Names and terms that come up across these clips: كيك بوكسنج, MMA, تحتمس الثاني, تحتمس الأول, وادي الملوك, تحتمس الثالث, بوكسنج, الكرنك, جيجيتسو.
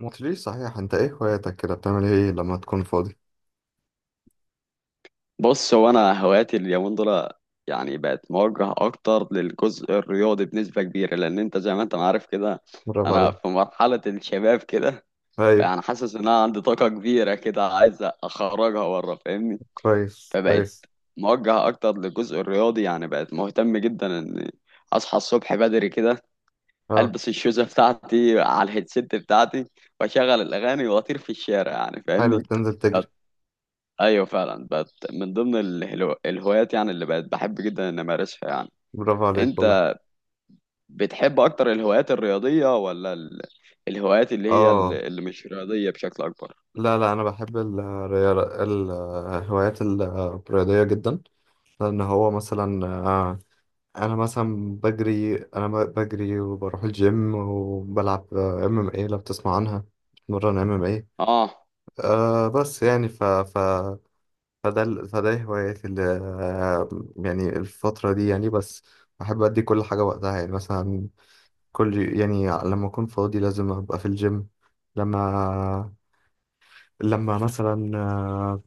ما قلتليش صحيح، انت ايه هواياتك كده، بتعمل ايه لما تكون فاضي؟ بص هو انا هواياتي اليومين دول يعني بقت موجهه اكتر للجزء الرياضي بنسبه كبيره لان انت زي ما انت عارف كده. برافو انا في عليك. مرحله الشباب كده ايوه. يعني حاسس ان انا عندي طاقه كبيره كده عايز اخرجها بره فاهمني. كويس، فبقت كويس. موجهه اكتر للجزء الرياضي يعني بقت مهتم جدا ان اصحى الصبح بدري كده اه. البس الشوزه بتاعتي على الهيدسيت بتاعتي واشغل الاغاني واطير في الشارع يعني حلو، فاهمني. تنزل تجري. ايوه فعلا بقت من ضمن الهوايات يعني اللي بقت بحب جدا ان امارسها يعني. برافو عليك والله. انت بتحب اكتر الهوايات الرياضيه ولا الهوايات اللي هي اه. اللي مش رياضيه بشكل اكبر؟ لا، لا، انا بحب الرياضة، الهوايات الرياضية جدا. لان هو مثلا انا مثلا بجري، بجري وبروح الجيم وبلعب ام ام اي لو بتسمع عنها. بتمرن ام ام اي. اه بس يعني فده هواياتي اللي يعني الفترة دي يعني. بس بحب أدي كل حاجة وقتها يعني، مثلا كل، يعني لما أكون فاضي لازم أبقى في الجيم. لما لما مثلا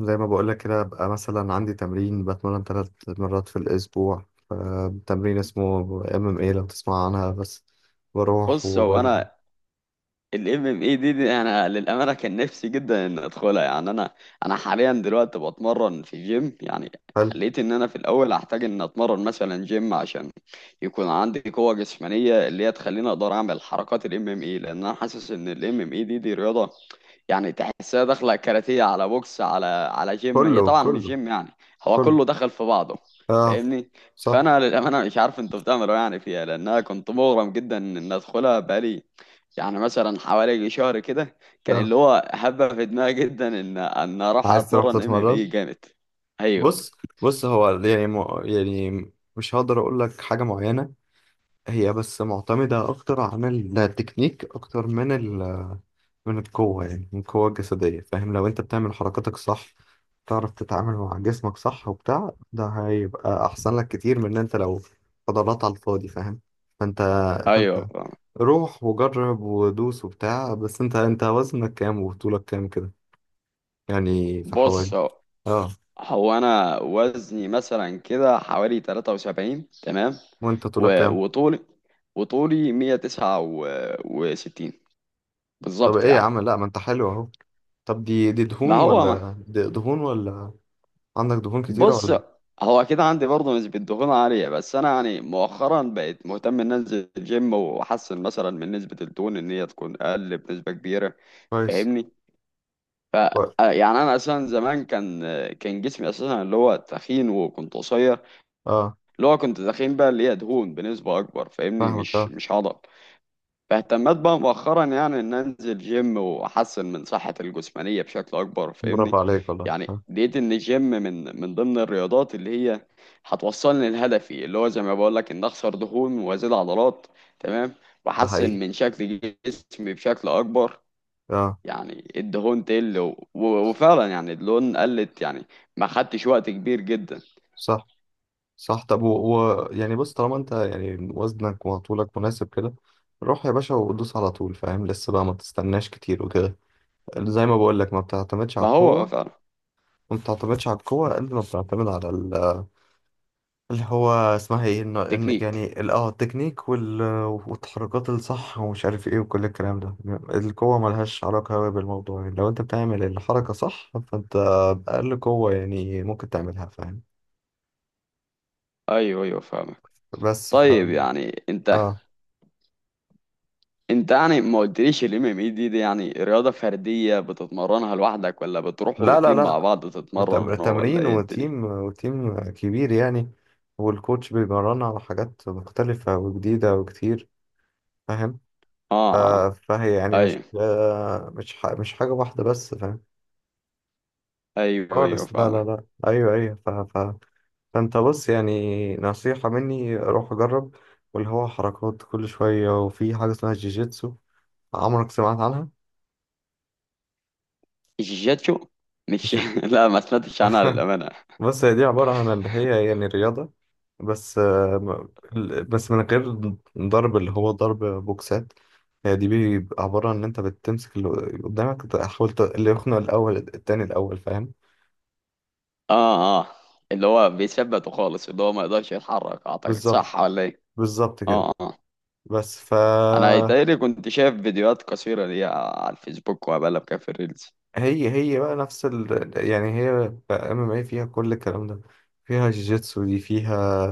زي ما بقولك كده أبقى مثلا عندي تمرين، بتمرن 3 مرات في الأسبوع. تمرين اسمه MMA لو تسمع عنها، بس بروح بص هو وبرجع. انا ال MMA دي انا للامانه كان نفسي جدا ان ادخلها يعني انا. انا حاليا دلوقتي بتمرن في جيم يعني. حلو. حليت ان انا في الاول هحتاج ان اتمرن مثلا جيم عشان يكون عندي قوه جسمانيه اللي هي تخليني اقدر اعمل حركات ال MMA، لان انا حاسس ان ال MMA دي رياضه يعني تحسها داخله كاراتيه على بوكس على جيم، هي كله، طبعا مش كله. جيم يعني. هو كله. كله دخل في بعضه اه. فاهمني. صح. فانا للامانه مش عارف انتوا بتعملوا إيه يعني فيها لان انا كنت مغرم جدا ان ادخلها بقالي يعني مثلا حوالي شهر كده. كان اه. اللي هو حابه في دماغي جدا ان اروح عايز تروح اتمرن ام ام تتمرن؟ اي جامد. ايوه بص بص هو يعني يعني مش هقدر اقول لك حاجه معينه. هي بس معتمده اكتر عن التكنيك اكتر من القوه، يعني من القوه الجسديه. فاهم، لو انت بتعمل حركاتك صح، تعرف تتعامل مع جسمك صح وبتاع، ده هيبقى احسن لك كتير من ان انت لو فضلات على الفاضي، فاهم. فانت. فانت ايوه فاهم. روح وجرب ودوس وبتاع، بس انت وزنك كام وطولك كام كده؟ يعني في بص حوالي. هو اه. هو انا وزني مثلا كده حوالي 73 تمام. وانت طولك و- كام؟ وطولي وطولي 169 طب بالظبط ايه يا يعني. عم، لا ما انت حلو اهو. طب دي ما دهون هو ولا دي دهون ولا؟ عندك دهون كتيرة بص ولا؟ هو اكيد عندي برضه نسبة دهون عالية بس انا يعني مؤخرا بقيت مهتم ان انزل الجيم واحسن مثلا من نسبة الدهون ان هي تكون اقل بنسبة كبيرة كويس. فاهمني. ف كويس. يعني انا اساسا زمان كان كان جسمي اساسا اللي هو تخين وكنت قصير. اه. اللي هو كنت تخين بقى اللي هي دهون بنسبة اكبر فاهمني، فاهمك، مش اه. مش عضل. فاهتمت بقى مؤخرا يعني ان انزل جيم واحسن من صحتي الجسمانيه بشكل اكبر برافو فاهمني. عليك والله. يعني آه. لقيت ان الجيم من ضمن الرياضات اللي هي هتوصلني لهدفي اللي هو زي ما بقول لك ان اخسر دهون وازيد عضلات تمام ده واحسن حقيقي. من شكل جسمي بشكل اكبر. اه. يعني الدهون تقل وفعلا يعني الدهون قلت يعني ما خدتش وقت كبير جدا. صح. صح، طب يعني بص، طالما انت يعني وزنك وطولك مناسب كده، روح يا باشا ودوس على طول، فاهم، لسه بقى ما تستناش كتير وكده. زي ما بقول لك، ما بتعتمدش ما على هو القوة. فعلا. وما بتعتمدش على القوة قد ما بتعتمد على اللي هو اسمها ايه، إن تكنيك. يعني التكنيك والتحركات الصح ومش عارف ايه وكل الكلام ده. القوة ملهاش علاقة أوي بالموضوع، يعني لو انت بتعمل الحركة صح، فانت بأقل قوة يعني ممكن تعملها، فاهم. ايوه ايوه فاهمك. بس. طيب يعني انت اه. انت يعني ما قلتليش الام ام اي دي يعني رياضة فردية بتتمرنها لوحدك ولا بتروحوا لا، لا، تيم لا. مع بعض تتمرنوا ولا تمرين، ايه الدنيا؟ وتيم كبير يعني. والكوتش بيمرنا على حاجات مختلفة وجديدة وكتير. فاهم. اه اه فهي يعني مش ايوه مش مش حاجة واحدة بس، فاهم. ايوه ايوه خالص، لا، لا، فاهمك. لا. ايوه، ايوه، فانت بص، يعني نصيحة مني، روح اجرب واللي هو حركات كل شوية، وفي حاجة اسمها جيجيتسو، عمرك سمعت عنها؟ الجيجاتشو مش ج... لا ما سمعتش عنها للأمانة. بص، هي دي عبارة عن اللي هي يعني رياضة، بس بس من غير ضرب، اللي هو ضرب بوكسات. هي دي بيبقى عبارة عن إن أنت بتمسك اللي قدامك، تحاول اللي يخنق، الأول التاني الأول، فاهم. اه اه اللي هو بيثبته خالص اللي هو ما يقدرش يتحرك اعتقد بالظبط. صح ولا ايه؟ بالظبط كده. اه اه بس. انا يتهيألي كنت شايف فيديوهات قصيرة ليها على الفيسبوك وبقلب كده في الريلز. هي بقى نفس ال، يعني هي ام ام اي فيها كل الكلام ده، فيها جيجيتسو دي، فيها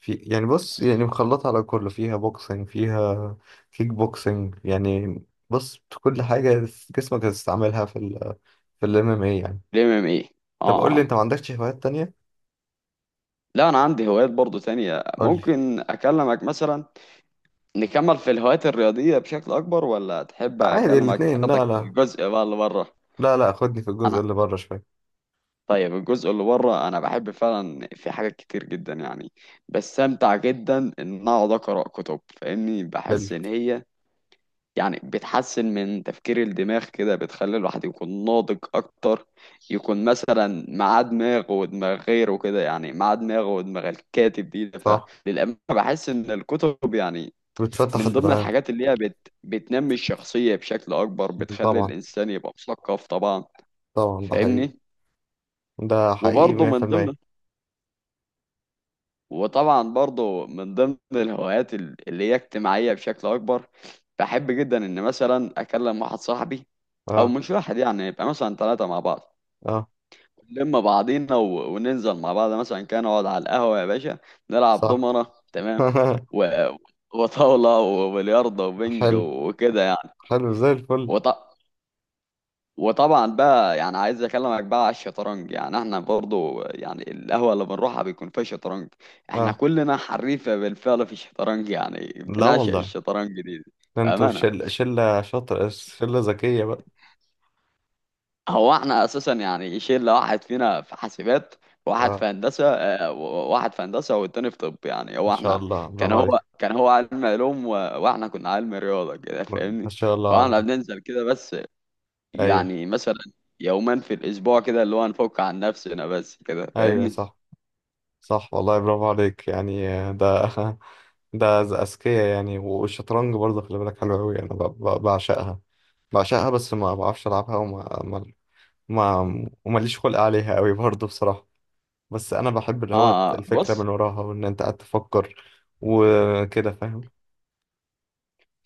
في، يعني بص، يعني مخلطة على كله، فيها بوكسنج، فيها كيك بوكسنج يعني. بص، كل حاجة جسمك هتستعملها في الام ام اي يعني. الام ام اي. طب قول اه لي، اه. انت ما عندكش هوايات تانية؟ لا انا عندي هوايات برضو تانية قول لي. ممكن اكلمك مثلا. نكمل في الهوايات الرياضية بشكل أكبر ولا تحب عادي أكلمك الاتنين، أخدك لا، في لا. الجزء بقى اللي بره؟ لا، لا، خدني في الجزء أنا اللي بره شوية. طيب الجزء اللي بره أنا بحب فعلا في حاجات كتير جدا يعني. بستمتع جدا إن أقعد أقرأ كتب فاهمني. حلو. بحس إن هي يعني بتحسن من تفكير الدماغ كده بتخلي الواحد يكون ناضج أكتر. يكون مثلا مع دماغ ودماغ غيره كده يعني مع دماغ ودماغ الكاتب دي. صح. فللأمانة بحس إن الكتب يعني بتفتح من ضمن الدماغ. الحاجات اللي هي بتنمي الشخصية بشكل أكبر بتخلي طبعا. الإنسان يبقى مثقف طبعا طبعا، ده حقيقي. فاهمني. ده حقيقي وبرضه من ضمن 100%. وطبعا برضه من ضمن الهوايات اللي هي اجتماعية بشكل أكبر. بحب جدا إن مثلا أكلم واحد صاحبي أو اه، مش واحد يعني يبقى مثلا ثلاثة مع بعض. اه. نلم بعضينا وننزل مع بعض مثلا كان أقعد على القهوة يا باشا، نلعب صح. دومنة تمام و... وطاولة وبلياردو وبنج حلو. وكده يعني. حلو زي الفل. وط... وطبعا بقى يعني عايز اكلمك بقى على الشطرنج يعني احنا برضو يعني القهوه اللي بنروحها بيكون فيها شطرنج. احنا اه. كلنا حريفه بالفعل في الشطرنج يعني لا بنعشق والله. الشطرنج دي ده انتوا بامانه. شلة شاطر، شلة ذكية بقى. هو احنا اساسا يعني شله واحد فينا في حاسبات واحد في اه. هندسه واحد في هندسه والتاني في طب يعني. ما هو شاء احنا الله، كان برافو هو عليك. كان هو علم علوم واحنا كنا علم رياضه كده ما فاهمني. شاء الله فاحنا عليك. بننزل كده بس ايوه. يعني مثلا يوما في الأسبوع كده اللي هو نفك عن نفسنا بس كده ايوه. فاهمني. صح. صح والله، برافو عليك يعني، ده أذكياء يعني. والشطرنج برضه خلي بالك حلو أوي، أنا بعشقها، بعشقها، بس ما بعرفش ألعبها، وما ما ما ومليش خلق عليها أوي برضه بصراحة. بس أنا بحب اللي اه هو الفكرة بص من وراها، وإن أنت قاعد تفكر وكده، فاهم.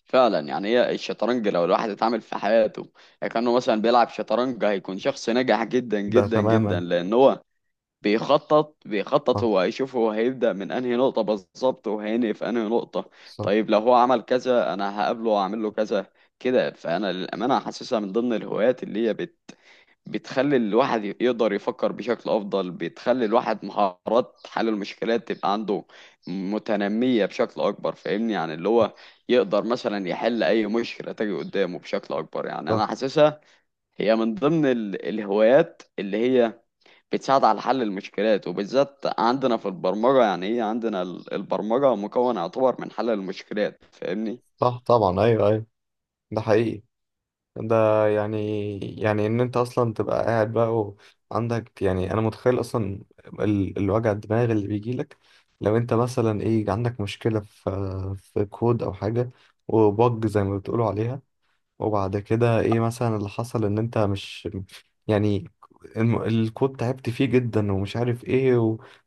فعلا يعني هي الشطرنج لو الواحد اتعامل في حياته كأنه مثلا بيلعب شطرنج هيكون شخص ناجح جدا ده جدا جدا تماما. لأن هو بيخطط بيخطط صح. هو هيبدأ من أنهي نقطة بالظبط وهينهي في أنهي نقطة. صح. طيب لو هو عمل كذا أنا هقابله وأعمل له كذا كده. فأنا للأمانة حاسسها من ضمن الهوايات اللي هي بتخلي الواحد يقدر يفكر بشكل أفضل، بتخلي الواحد مهارات حل المشكلات تبقى عنده متنمية بشكل أكبر فاهمني. يعني اللي هو يقدر مثلا يحل أي مشكلة تجي قدامه بشكل أكبر يعني صح. أنا حاسسها هي من ضمن الهوايات اللي هي بتساعد على حل المشكلات، وبالذات عندنا في البرمجة يعني هي عندنا البرمجة مكون يعتبر من حل المشكلات فاهمني. صح. طبعا، ايوه، ايوه. ده حقيقي. ده يعني ان انت اصلا تبقى قاعد بقى، وعندك يعني، انا متخيل اصلا الوجع الدماغ اللي بيجي لك لو انت مثلا ايه عندك مشكله في كود او حاجه، وبج زي ما بتقولوا عليها، وبعد كده ايه مثلا اللي حصل، ان انت مش يعني الكود تعبت فيه جدا ومش عارف ايه،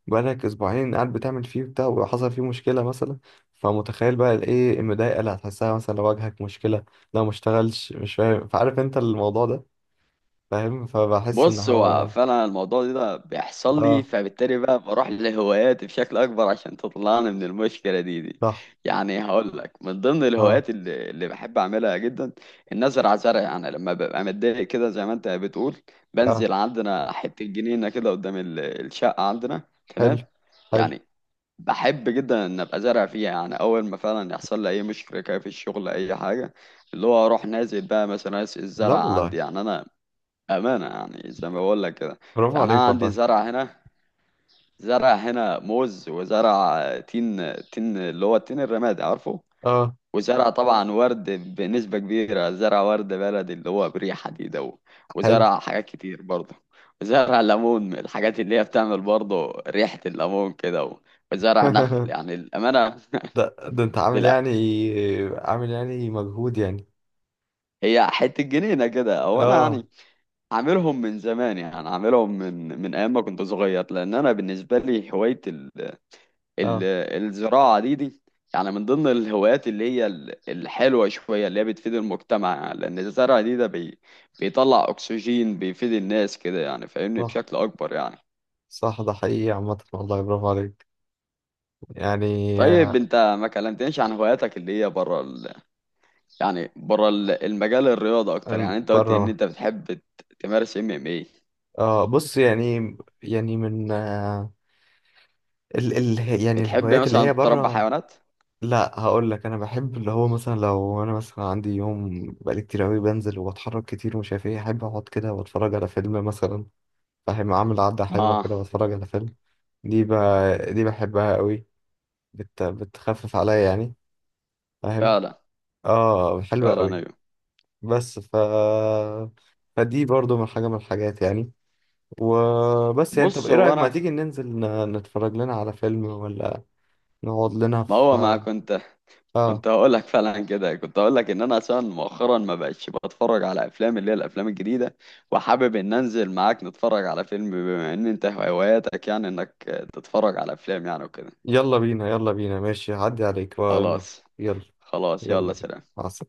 وبقالك اسبوعين قاعد بتعمل فيه بتاع، وحصل فيه مشكلة مثلا. فمتخيل بقى الايه المضايقة اللي هتحسها، مثلا لو واجهك مشكلة، لو ما اشتغلش، مش فاهم، فعارف انت الموضوع ده، فاهم، فبحس ان بص هو هو. فعلا الموضوع ده بيحصل لي اه. فبالتالي بقى بروح لهواياتي بشكل اكبر عشان تطلعني من المشكله دي. صح. يعني هقول لك من ضمن اه. الهوايات اللي بحب اعملها جدا ان ازرع زرع يعني. لما ببقى متضايق كده زي ما انت بتقول اه. بنزل عندنا حته جنينه كده قدام الشقه عندنا حلو. تمام. حلو. يعني بحب جدا ان ابقى زارع فيها يعني اول ما فعلا يحصل لي اي مشكله كده في الشغل اي حاجه اللي هو اروح نازل بقى مثلا لا الزرع والله. عندي يعني انا أمانة يعني زي ما بقول لك كده. برافو يعني أنا عليك عندي والله. زرع هنا زرع هنا موز وزرع تين تين اللي هو التين الرمادي عارفه، اه. وزرع طبعا ورد بنسبة كبيرة زرع ورد بلدي اللي هو بريحة دي ده، حلو. وزرع حاجات كتير برضه، وزرع ليمون من الحاجات اللي هي بتعمل برضه ريحة الليمون كده وزرع نخل يعني الأمانة. ده انت عامل لا يعني مجهود يعني. هي حتة جنينة كده أو أنا اه، يعني عاملهم من زمان يعني عاملهم من أيام ما كنت صغير لأن أنا بالنسبة لي هواية ال- اه. الزراعة دي يعني من ضمن الهوايات اللي هي الحلوة شوية اللي هي بتفيد المجتمع لأن الزرع ده بيطلع أكسجين بيفيد الناس كده يعني فاهمني صح، بشكل أكبر يعني. صح. ده حقيقي عامة والله، برافو عليك، يعني. طيب آه، أنت ما كلمتنيش عن هواياتك اللي هي بره يعني بره المجال الرياضة أكتر. يعني أنت قلت إن بره. أنت بتحب تمارس MMA. اه، بص يعني، يعني من ال يعني بتحب الهوايات اللي مثلا هي تربي بره. حيوانات؟ لا، هقول لك، انا بحب اللي هو مثلا لو انا مثلا عندي يوم بقالي كتير قوي، بنزل وبتحرك كتير ومش عارف ايه، احب اقعد كده واتفرج على فيلم مثلا. فاهم، اعمل عدة حلوة آه كده واتفرج على فيلم. دي دي بحبها قوي. بتخفف عليا يعني. فاهم. فعلا اه، حلوة فعلا قوي. أيوه. بس. فدي برضو من حاجة من الحاجات يعني. وبس يعني، طب بص ايه هو رأيك، ما تيجي أنا ننزل نتفرج لنا على فيلم، ولا نقعد لنا ما هو ما في؟ كنت اه. كنت هقول لك فعلا كده كنت هقول لك ان انا عشان مؤخرا ما بقتش بتفرج على افلام اللي هي الافلام الجديده وحابب ان انزل معاك نتفرج على فيلم بما ان انت هواياتك يعني انك تتفرج على افلام يعني وكده. يلا بينا، يلا بينا، ماشي، هعدي عليك ونروح. خلاص يلا. خلاص يلا يلا بينا. سلام. مع السلامة.